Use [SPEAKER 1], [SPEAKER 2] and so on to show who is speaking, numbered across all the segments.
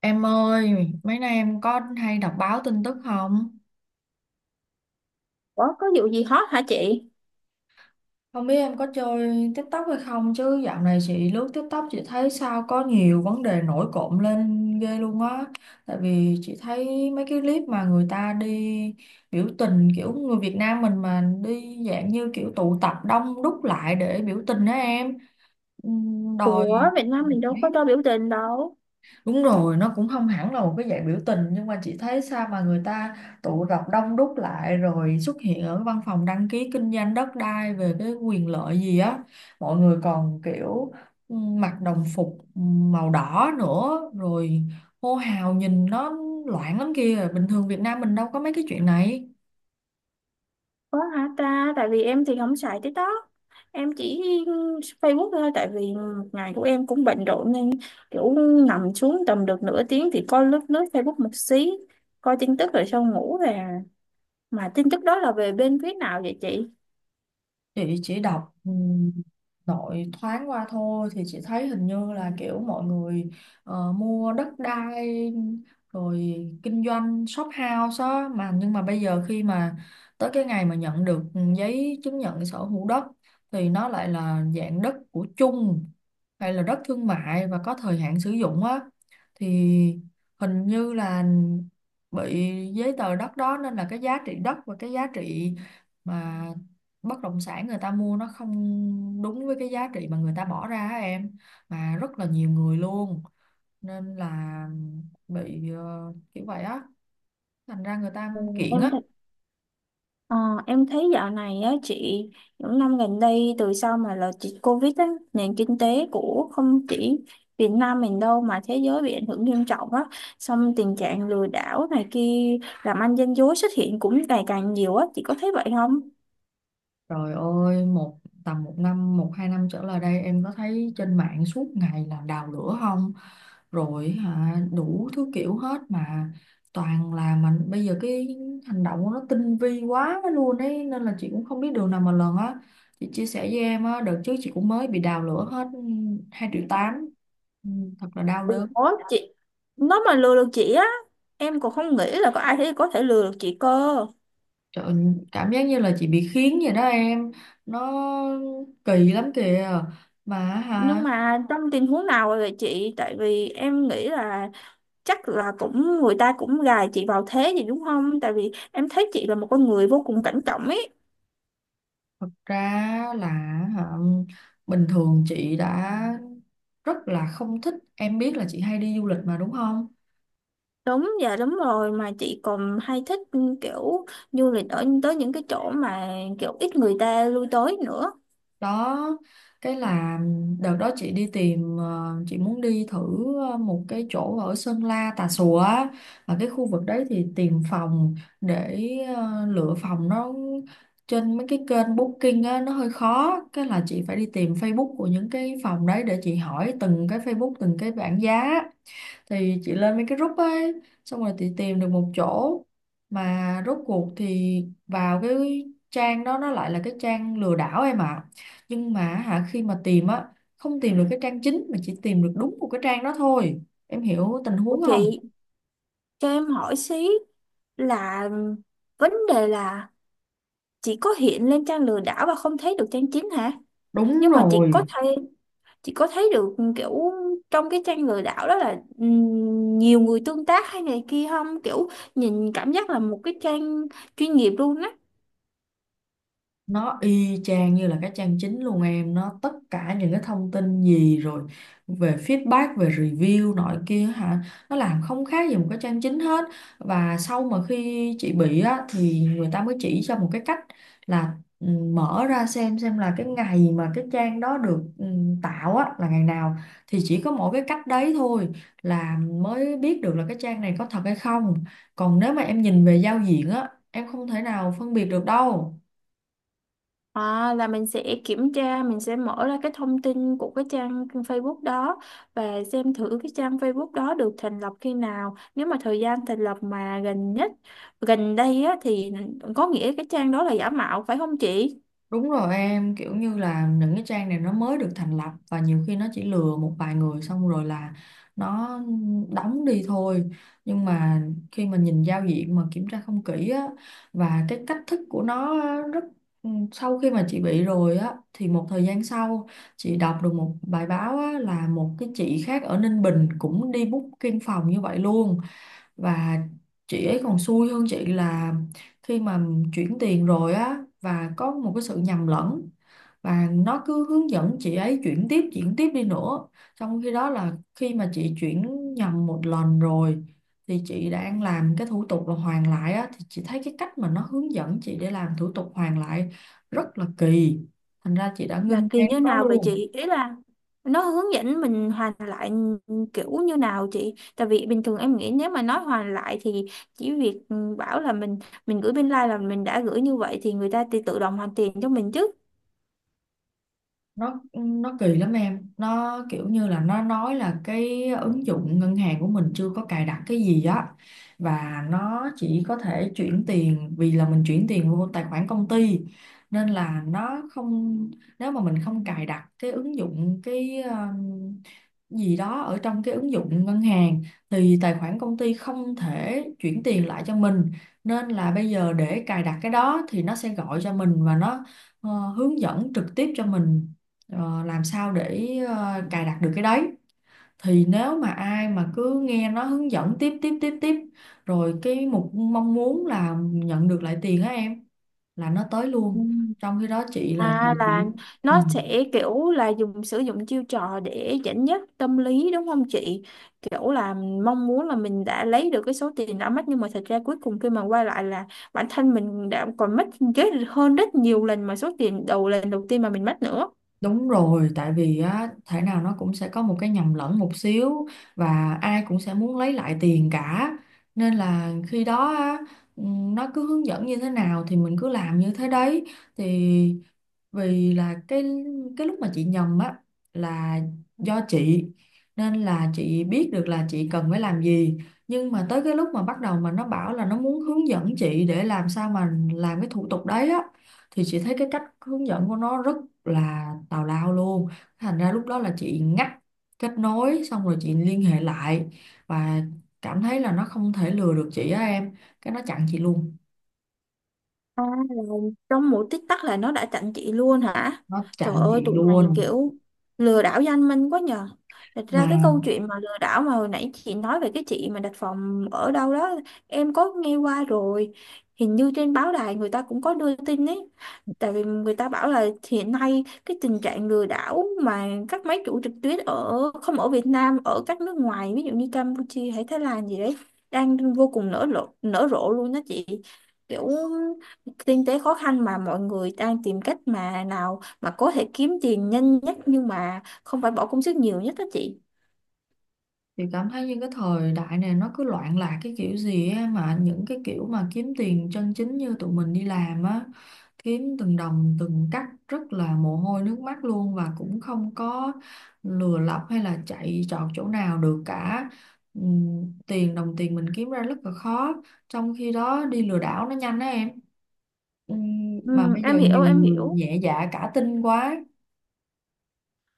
[SPEAKER 1] Em ơi, mấy nay em có hay đọc báo tin tức không?
[SPEAKER 2] Ủa có vụ gì hot hả chị?
[SPEAKER 1] Không biết em có chơi TikTok hay không chứ dạo này chị lướt TikTok chị thấy sao có nhiều vấn đề nổi cộm lên ghê luôn á. Tại vì chị thấy mấy cái clip mà người ta đi biểu tình kiểu người Việt Nam mình mà đi dạng như kiểu tụ tập đông đúc lại để biểu tình đó em. Đòi
[SPEAKER 2] Ủa Việt Nam mình đâu có cho biểu tình đâu.
[SPEAKER 1] Đúng rồi, nó cũng không hẳn là một cái dạng biểu tình nhưng mà chị thấy sao mà người ta tụ tập đông đúc lại rồi xuất hiện ở văn phòng đăng ký kinh doanh đất đai về cái quyền lợi gì á. Mọi người còn kiểu mặc đồng phục màu đỏ nữa rồi hô hào nhìn nó loạn lắm kia. Bình thường Việt Nam mình đâu có mấy cái chuyện này.
[SPEAKER 2] Có hả ta? Tại vì em thì không xài TikTok. Em chỉ Facebook thôi. Tại vì ngày của em cũng bận rộn nên kiểu nằm xuống tầm được nửa tiếng thì coi lướt lướt Facebook một xí. Coi tin tức rồi xong ngủ về. Mà tin tức đó là về bên phía nào vậy chị?
[SPEAKER 1] Chị chỉ đọc nội thoáng qua thôi thì chị thấy hình như là kiểu mọi người mua đất đai rồi kinh doanh shop house á mà nhưng mà bây giờ khi mà tới cái ngày mà nhận được giấy chứng nhận sở hữu đất thì nó lại là dạng đất của chung hay là đất thương mại và có thời hạn sử dụng á thì hình như là bị giấy tờ đất đó nên là cái giá trị đất và cái giá trị mà bất động sản người ta mua nó không đúng với cái giá trị mà người ta bỏ ra á em mà rất là nhiều người luôn nên là bị kiểu vậy á thành ra người ta
[SPEAKER 2] Ừ,
[SPEAKER 1] kiện
[SPEAKER 2] em
[SPEAKER 1] á.
[SPEAKER 2] thì ờ, em thấy dạo này á chị, những năm gần đây từ sau mà là chị Covid á, nền kinh tế của không chỉ Việt Nam mình đâu mà thế giới bị ảnh hưởng nghiêm trọng á, xong tình trạng lừa đảo này kia, làm ăn gian dối xuất hiện cũng ngày càng nhiều á, chị có thấy vậy không?
[SPEAKER 1] Trời ơi, một tầm một năm, một hai năm trở lại đây em có thấy trên mạng suốt ngày là đào lửa không? Rồi hả, đủ thứ kiểu hết mà toàn là mình bây giờ cái hành động của nó tinh vi quá luôn ấy nên là chị cũng không biết đường nào mà lần á. Chị chia sẻ với em á, đợt trước chị cũng mới bị đào lửa hết 2,8 triệu. Ừ, Thật là đau đớn.
[SPEAKER 2] Ủa chị, nó mà lừa được chị á, em còn không nghĩ là có ai thế có thể lừa được chị cơ.
[SPEAKER 1] Trời ơi, cảm giác như là chị bị khiến vậy đó em. Nó kỳ lắm kìa. Mà
[SPEAKER 2] Nhưng
[SPEAKER 1] hả,
[SPEAKER 2] mà trong tình huống nào vậy chị, tại vì em nghĩ là chắc là cũng người ta cũng gài chị vào thế gì đúng không, tại vì em thấy chị là một con người vô cùng cảnh trọng ấy.
[SPEAKER 1] thật ra là hả, bình thường chị đã rất là không thích, em biết là chị hay đi du lịch mà đúng không,
[SPEAKER 2] Đúng, dạ đúng rồi, mà chị còn hay thích kiểu du lịch ở tới những cái chỗ mà kiểu ít người ta lui tới nữa.
[SPEAKER 1] đó cái là đợt đó chị đi tìm, chị muốn đi thử một cái chỗ ở Sơn La Tà Xùa á, và cái khu vực đấy thì tìm phòng để lựa phòng. Nó trên mấy cái kênh booking á, nó hơi khó cái là chị phải đi tìm Facebook của những cái phòng đấy để chị hỏi từng cái Facebook từng cái bảng giá thì chị lên mấy cái group ấy xong rồi chị tìm được một chỗ mà rốt cuộc thì vào cái trang đó nó lại là cái trang lừa đảo em ạ, nhưng mà hả khi mà tìm á không tìm được cái trang chính mà chỉ tìm được đúng một cái trang đó thôi em hiểu tình
[SPEAKER 2] Ủa
[SPEAKER 1] huống không.
[SPEAKER 2] chị cho em hỏi xí, là vấn đề là chị có hiện lên trang lừa đảo và không thấy được trang chính hả?
[SPEAKER 1] Đúng
[SPEAKER 2] Nhưng mà chị có
[SPEAKER 1] rồi,
[SPEAKER 2] thấy, chị có thấy được kiểu trong cái tranh lừa đảo đó là nhiều người tương tác hay này kia không, kiểu nhìn cảm giác là một cái trang chuyên nghiệp luôn á?
[SPEAKER 1] nó y chang như là cái trang chính luôn em, nó tất cả những cái thông tin gì rồi về feedback về review nọ kia hả nó làm không khác gì một cái trang chính hết, và sau mà khi chị bị á thì người ta mới chỉ cho một cái cách là ừ, mở ra xem là cái ngày mà cái trang đó được tạo á là ngày nào, thì chỉ có mỗi cái cách đấy thôi là mới biết được là cái trang này có thật hay không, còn nếu mà em nhìn về giao diện á em không thể nào phân biệt được đâu.
[SPEAKER 2] À, là mình sẽ kiểm tra, mình sẽ mở ra cái thông tin của cái trang Facebook đó và xem thử cái trang Facebook đó được thành lập khi nào, nếu mà thời gian thành lập mà gần nhất, gần đây á thì có nghĩa cái trang đó là giả mạo phải không chị?
[SPEAKER 1] Đúng rồi em, kiểu như là những cái trang này nó mới được thành lập và nhiều khi nó chỉ lừa một vài người xong rồi là nó đóng đi thôi. Nhưng mà khi mà nhìn giao diện mà kiểm tra không kỹ á và cái cách thức của nó á, rất sau khi mà chị bị rồi á thì một thời gian sau chị đọc được một bài báo á, là một cái chị khác ở Ninh Bình cũng đi booking phòng như vậy luôn, và chị ấy còn xui hơn chị là khi mà chuyển tiền rồi á và có một cái sự nhầm lẫn và nó cứ hướng dẫn chị ấy chuyển tiếp đi nữa, trong khi đó là khi mà chị chuyển nhầm một lần rồi thì chị đang làm cái thủ tục là hoàn lại á thì chị thấy cái cách mà nó hướng dẫn chị để làm thủ tục hoàn lại rất là kỳ, thành ra chị đã
[SPEAKER 2] Là
[SPEAKER 1] ngưng
[SPEAKER 2] kỳ
[SPEAKER 1] ngay lúc
[SPEAKER 2] như
[SPEAKER 1] đó
[SPEAKER 2] nào vậy
[SPEAKER 1] luôn.
[SPEAKER 2] chị, ý là nó hướng dẫn mình hoàn lại kiểu như nào chị, tại vì bình thường em nghĩ nếu mà nói hoàn lại thì chỉ việc bảo là mình gửi bên like là mình đã gửi, như vậy thì người ta tự tự động hoàn tiền cho mình chứ.
[SPEAKER 1] Nó kỳ lắm em, nó kiểu như là nó nói là cái ứng dụng ngân hàng của mình chưa có cài đặt cái gì á và nó chỉ có thể chuyển tiền vì là mình chuyển tiền vô tài khoản công ty nên là nó không, nếu mà mình không cài đặt cái ứng dụng cái gì đó ở trong cái ứng dụng ngân hàng thì tài khoản công ty không thể chuyển tiền lại cho mình, nên là bây giờ để cài đặt cái đó thì nó sẽ gọi cho mình và nó hướng dẫn trực tiếp cho mình làm sao để cài đặt được cái đấy, thì nếu mà ai mà cứ nghe nó hướng dẫn tiếp tiếp tiếp tiếp rồi cái mục mong muốn là nhận được lại tiền á em là nó tới luôn, trong khi đó chị là
[SPEAKER 2] À,
[SPEAKER 1] chị
[SPEAKER 2] là
[SPEAKER 1] chỉ ừ,
[SPEAKER 2] nó sẽ kiểu là dùng sử dụng chiêu trò để dẫn dắt tâm lý đúng không chị? Kiểu là mong muốn là mình đã lấy được cái số tiền đã mất nhưng mà thật ra cuối cùng khi mà quay lại là bản thân mình đã còn mất ghế hơn rất nhiều lần mà số tiền đầu lần đầu tiên mà mình mất nữa.
[SPEAKER 1] đúng rồi, tại vì á thể nào nó cũng sẽ có một cái nhầm lẫn một xíu và ai cũng sẽ muốn lấy lại tiền cả, nên là khi đó á, ừ, nó cứ hướng dẫn như thế nào thì mình cứ làm như thế đấy, thì vì là cái lúc mà chị nhầm á là do chị nên là chị biết được là chị cần phải làm gì, nhưng mà tới cái lúc mà bắt đầu mà nó bảo là nó muốn hướng dẫn chị để làm sao mà làm cái thủ tục đấy á thì chị thấy cái cách hướng dẫn của nó rất là tào lao luôn, thành ra lúc đó là chị ngắt kết nối xong rồi chị liên hệ lại và cảm thấy là nó không thể lừa được chị á em, cái nó chặn chị luôn.
[SPEAKER 2] À, là trong mỗi tích tắc là nó đã chặn chị luôn hả?
[SPEAKER 1] Nó
[SPEAKER 2] Trời
[SPEAKER 1] chặn
[SPEAKER 2] ơi,
[SPEAKER 1] chị
[SPEAKER 2] tụi này
[SPEAKER 1] luôn
[SPEAKER 2] kiểu lừa đảo danh minh quá nhờ. Thật ra
[SPEAKER 1] mà.
[SPEAKER 2] cái câu chuyện mà lừa đảo mà hồi nãy chị nói về cái chị mà đặt phòng ở đâu đó, em có nghe qua rồi. Hình như trên báo đài người ta cũng có đưa tin ấy. Tại vì người ta bảo là hiện nay cái tình trạng lừa đảo mà các máy chủ trực tuyến ở không ở Việt Nam, ở các nước ngoài, ví dụ như Campuchia hay Thái Lan gì đấy, đang vô cùng nở rộ luôn đó chị, kiểu kinh tế khó khăn mà mọi người đang tìm cách mà nào mà có thể kiếm tiền nhanh nhất nhưng mà không phải bỏ công sức nhiều nhất đó chị.
[SPEAKER 1] Chị cảm thấy như cái thời đại này nó cứ loạn lạc cái kiểu gì á, mà những cái kiểu mà kiếm tiền chân chính như tụi mình đi làm á kiếm từng đồng từng cắc rất là mồ hôi nước mắt luôn, và cũng không có lừa lọc hay là chạy trọt chỗ nào được cả. Tiền đồng tiền mình kiếm ra rất là khó, trong khi đó đi lừa đảo nó nhanh á em. Ừm, mà
[SPEAKER 2] Ừ,
[SPEAKER 1] bây giờ
[SPEAKER 2] em hiểu
[SPEAKER 1] nhiều
[SPEAKER 2] em
[SPEAKER 1] người
[SPEAKER 2] hiểu
[SPEAKER 1] nhẹ dạ cả tin quá.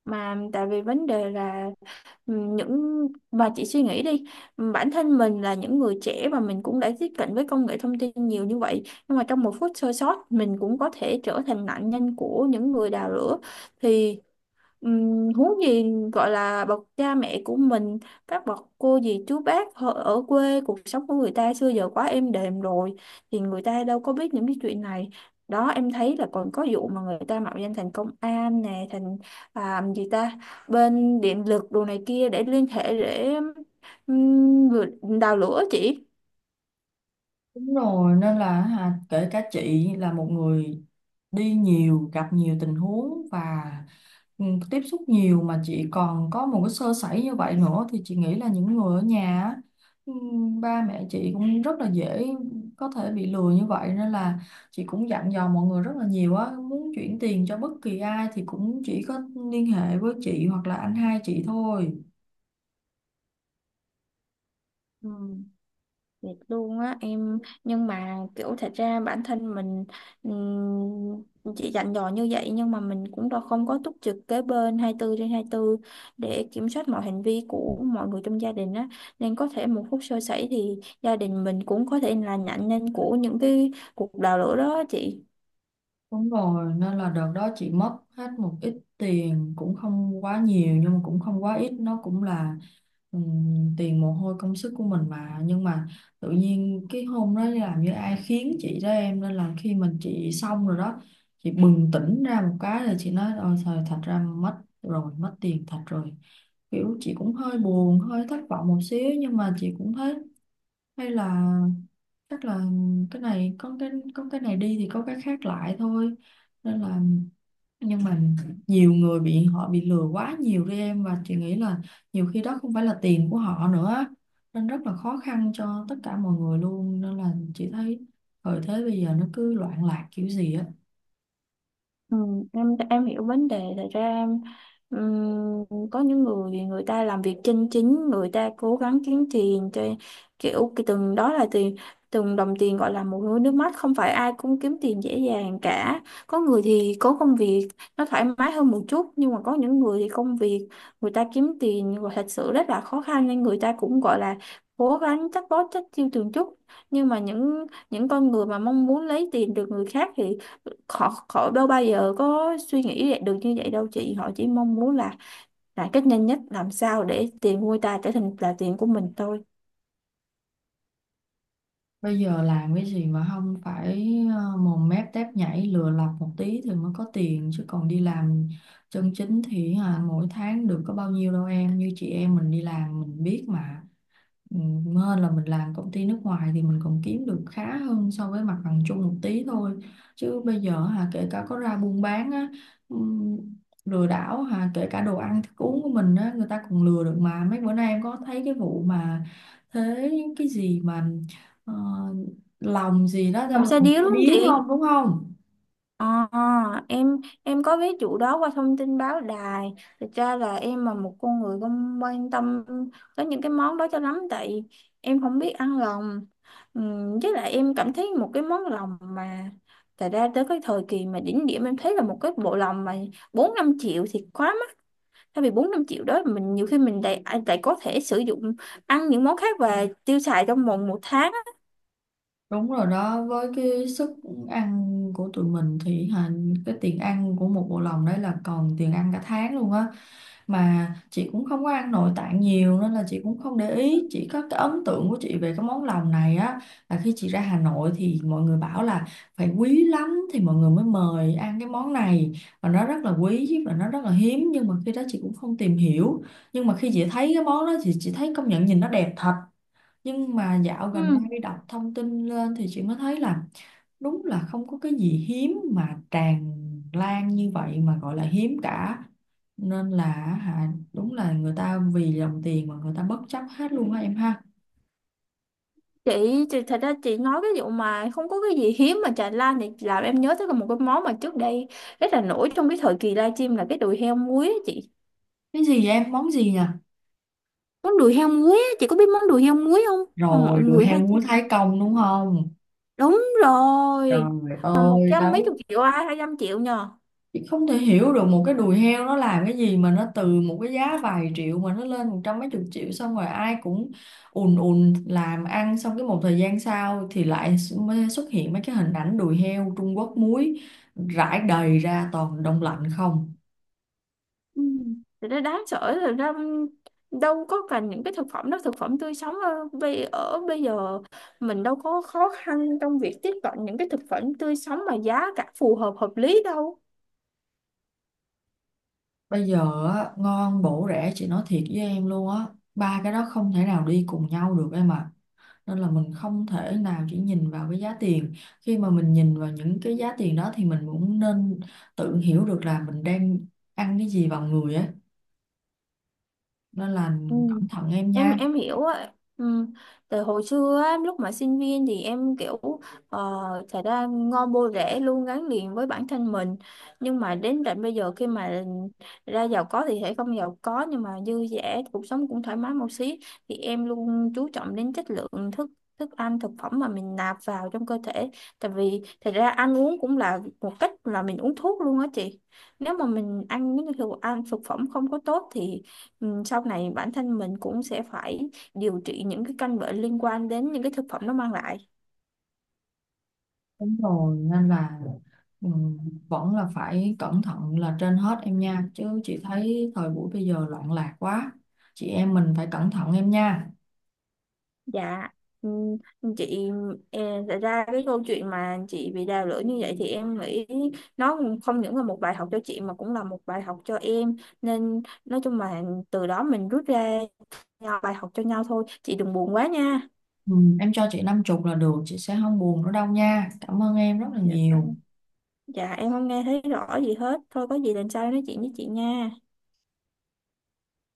[SPEAKER 2] mà tại vì vấn đề là những mà chị suy nghĩ đi, bản thân mình là những người trẻ và mình cũng đã tiếp cận với công nghệ thông tin nhiều như vậy nhưng mà trong một phút sơ sót mình cũng có thể trở thành nạn nhân của những người đào lửa thì huống gì gọi là bậc cha mẹ của mình, các bậc cô dì chú bác họ ở quê, cuộc sống của người ta xưa giờ quá êm đềm rồi thì người ta đâu có biết những cái chuyện này đó. Em thấy là còn có vụ mà người ta mạo danh thành công an nè, thành à, gì ta, bên điện lực đồ này kia để liên hệ để vừa- đào lửa chị.
[SPEAKER 1] Đúng rồi, nên là hả, kể cả chị là một người đi nhiều, gặp nhiều tình huống và ừ, tiếp xúc nhiều mà chị còn có một cái sơ sẩy như vậy nữa, thì chị nghĩ là những người ở nhà á, ừ, ba mẹ chị cũng rất là dễ có thể bị lừa như vậy, nên là chị cũng dặn dò mọi người rất là nhiều á, muốn chuyển tiền cho bất kỳ ai thì cũng chỉ có liên hệ với chị hoặc là anh hai chị thôi.
[SPEAKER 2] Ừ. Thiệt luôn á em, nhưng mà kiểu thật ra bản thân mình chỉ dặn dò như vậy nhưng mà mình cũng đâu không có túc trực kế bên 24 trên 24 để kiểm soát mọi hành vi của mọi người trong gia đình á, nên có thể một phút sơ sẩy thì gia đình mình cũng có thể là nạn nhân của những cái cuộc đào lửa đó chị.
[SPEAKER 1] Đúng rồi, nên là đợt đó chị mất hết một ít tiền cũng không quá nhiều nhưng mà cũng không quá ít, nó cũng là tiền mồ hôi công sức của mình mà, nhưng mà tự nhiên cái hôm đó làm như ai khiến chị đó em, nên là khi mình chị xong rồi đó chị bừng tỉnh ra một cái là chị nói ôi trời thật ra mất rồi, mất tiền thật rồi, kiểu chị cũng hơi buồn hơi thất vọng một xíu, nhưng mà chị cũng thấy hay là chắc là cái này có cái này đi thì có cái khác lại thôi. Nên là nhưng mà nhiều người bị họ bị lừa quá nhiều đi em, và chị nghĩ là nhiều khi đó không phải là tiền của họ nữa nên rất là khó khăn cho tất cả mọi người luôn, nên là chị thấy thời thế bây giờ nó cứ loạn lạc kiểu gì á.
[SPEAKER 2] Ừ, em hiểu vấn đề. Thật ra em có những người, người ta làm việc chân chính, người ta cố gắng kiếm tiền cho kiểu cái từng đó là tiền, từng đồng tiền gọi là một nỗi nước mắt, không phải ai cũng kiếm tiền dễ dàng cả. Có người thì có công việc nó thoải mái hơn một chút, nhưng mà có những người thì công việc người ta kiếm tiền gọi thật sự rất là khó khăn, nên người ta cũng gọi là cố gắng chắc bó chắc chiêu từng chút. Nhưng mà những con người mà mong muốn lấy tiền từ người khác thì họ họ đâu bao giờ có suy nghĩ được như vậy đâu chị, họ chỉ mong muốn là cách nhanh nhất làm sao để tiền nuôi ta trở thành là tiền của mình thôi.
[SPEAKER 1] Bây giờ làm cái gì mà không phải mồm mép tép nhảy lừa lọc một tí thì mới có tiền, chứ còn đi làm chân chính thì mỗi tháng được có bao nhiêu đâu em, như chị em mình đi làm mình biết mà. Ừ, Hơn là mình làm công ty nước ngoài thì mình còn kiếm được khá hơn so với mặt bằng chung một tí thôi, chứ bây giờ hà kể cả có ra buôn bán á ừm, lừa đảo hà kể cả đồ ăn thức uống của mình á người ta còn lừa được, mà mấy bữa nay em có thấy cái vụ mà thế cái gì mà ờ, lòng gì đó, ra
[SPEAKER 2] Làm
[SPEAKER 1] lòng
[SPEAKER 2] xe điếu
[SPEAKER 1] ta
[SPEAKER 2] đúng không
[SPEAKER 1] điếu không
[SPEAKER 2] chị?
[SPEAKER 1] đúng không.
[SPEAKER 2] Ờ, em em có ví dụ đó qua thông tin báo đài. Thực ra là em là một con người không quan tâm tới những cái món đó cho lắm, tại em không biết ăn lòng. Với lại em cảm thấy một cái món lòng mà thật ra tới cái thời kỳ mà đỉnh điểm em thấy là một cái bộ lòng mà 4 5 triệu thì quá. Thay vì 4 5 triệu đó mình nhiều khi mình lại à, lại có thể sử dụng ăn những món khác và tiêu xài trong vòng một tháng á.
[SPEAKER 1] Đúng rồi đó, với cái sức ăn của tụi mình thì hà, cái tiền ăn của một bộ lòng đấy là còn tiền ăn cả tháng luôn á. Mà chị cũng không có ăn nội tạng nhiều nên là chị cũng không để ý. Chỉ có cái ấn tượng của chị về cái món lòng này á là khi chị ra Hà Nội thì mọi người bảo là phải quý lắm thì mọi người mới mời ăn cái món này. Và nó rất là quý và nó rất là hiếm nhưng mà khi đó chị cũng không tìm hiểu. Nhưng mà khi chị thấy cái món đó thì chị thấy công nhận nhìn nó đẹp thật, nhưng mà dạo gần
[SPEAKER 2] Ừ.
[SPEAKER 1] đây đọc thông tin lên thì chị mới thấy là đúng là không có cái gì hiếm mà tràn lan như vậy mà gọi là hiếm cả, nên là hả đúng là người ta vì dòng tiền mà người ta bất chấp hết luôn á em ha.
[SPEAKER 2] Chị thật ra chị nói cái vụ mà không có cái gì hiếm mà trà lan thì làm em nhớ tới là một cái món mà trước đây rất là nổi trong cái thời kỳ livestream là cái đùi heo muối á chị.
[SPEAKER 1] Cái gì em, món gì nhỉ?
[SPEAKER 2] Món đùi heo muối á, chị có biết món đùi heo muối không? Mà
[SPEAKER 1] Rồi
[SPEAKER 2] mọi
[SPEAKER 1] đùi
[SPEAKER 2] người
[SPEAKER 1] heo
[SPEAKER 2] hay chia.
[SPEAKER 1] muốn Thái Công đúng không,
[SPEAKER 2] Đúng rồi.
[SPEAKER 1] trời
[SPEAKER 2] Mà một
[SPEAKER 1] ơi
[SPEAKER 2] trăm mấy
[SPEAKER 1] đấy.
[SPEAKER 2] chục triệu ai 200 triệu nhờ.
[SPEAKER 1] Chị không thể hiểu được một cái đùi heo nó làm cái gì mà nó từ một cái giá vài triệu mà nó lên một trăm mấy chục triệu, xong rồi ai cũng ùn ùn làm ăn, xong cái một thời gian sau thì lại mới xuất hiện mấy cái hình ảnh đùi heo Trung Quốc muối rải đầy ra toàn đông lạnh không.
[SPEAKER 2] Ừ. Thì nó đáng sợ. Thật ra đâu có cần những cái thực phẩm đó, thực phẩm tươi sống ở bây giờ mình đâu có khó khăn trong việc tiếp cận những cái thực phẩm tươi sống mà giá cả phù hợp hợp lý đâu.
[SPEAKER 1] Bây giờ á, ngon bổ rẻ chị nói thiệt với em luôn á, ba cái đó không thể nào đi cùng nhau được em ạ. Nên là mình không thể nào chỉ nhìn vào cái giá tiền, khi mà mình nhìn vào những cái giá tiền đó thì mình cũng nên tự hiểu được là mình đang ăn cái gì vào người ấy, nên là
[SPEAKER 2] Ừ.
[SPEAKER 1] cẩn thận em
[SPEAKER 2] em
[SPEAKER 1] nha.
[SPEAKER 2] em hiểu á ừ. Tại hồi xưa á, lúc mà sinh viên thì em kiểu ờ, thật ra ngon bô rễ luôn gắn liền với bản thân mình, nhưng mà đến tận bây giờ khi mà ra giàu có thì sẽ không giàu có nhưng mà dư dả, cuộc sống cũng thoải mái một xí, thì em luôn chú trọng đến chất lượng thức thức ăn thực phẩm mà mình nạp vào trong cơ thể. Tại vì thật ra ăn uống cũng là một cách là mình uống thuốc luôn á chị, nếu mà mình ăn những cái thực phẩm không có tốt thì sau này bản thân mình cũng sẽ phải điều trị những cái căn bệnh liên quan đến những cái thực phẩm nó mang lại.
[SPEAKER 1] Đúng rồi nên là ừ, vẫn là phải cẩn thận là trên hết em nha, chứ chị thấy thời buổi bây giờ loạn lạc quá, chị em mình phải cẩn thận em nha.
[SPEAKER 2] Dạ, ừ, chị, e, thật ra cái câu chuyện mà chị bị đào lưỡi như vậy thì em nghĩ nó không những là một bài học cho chị mà cũng là một bài học cho em. Nên nói chung là từ đó mình rút ra nhau- bài học cho nhau thôi. Chị đừng buồn quá nha.
[SPEAKER 1] ừ, em cho chị 50 là được chị sẽ không buồn nữa đâu nha, cảm ơn em rất là
[SPEAKER 2] Dạ,
[SPEAKER 1] nhiều
[SPEAKER 2] dạ em không nghe thấy rõ gì hết. Thôi có gì lần sau em nói chuyện với chị nha.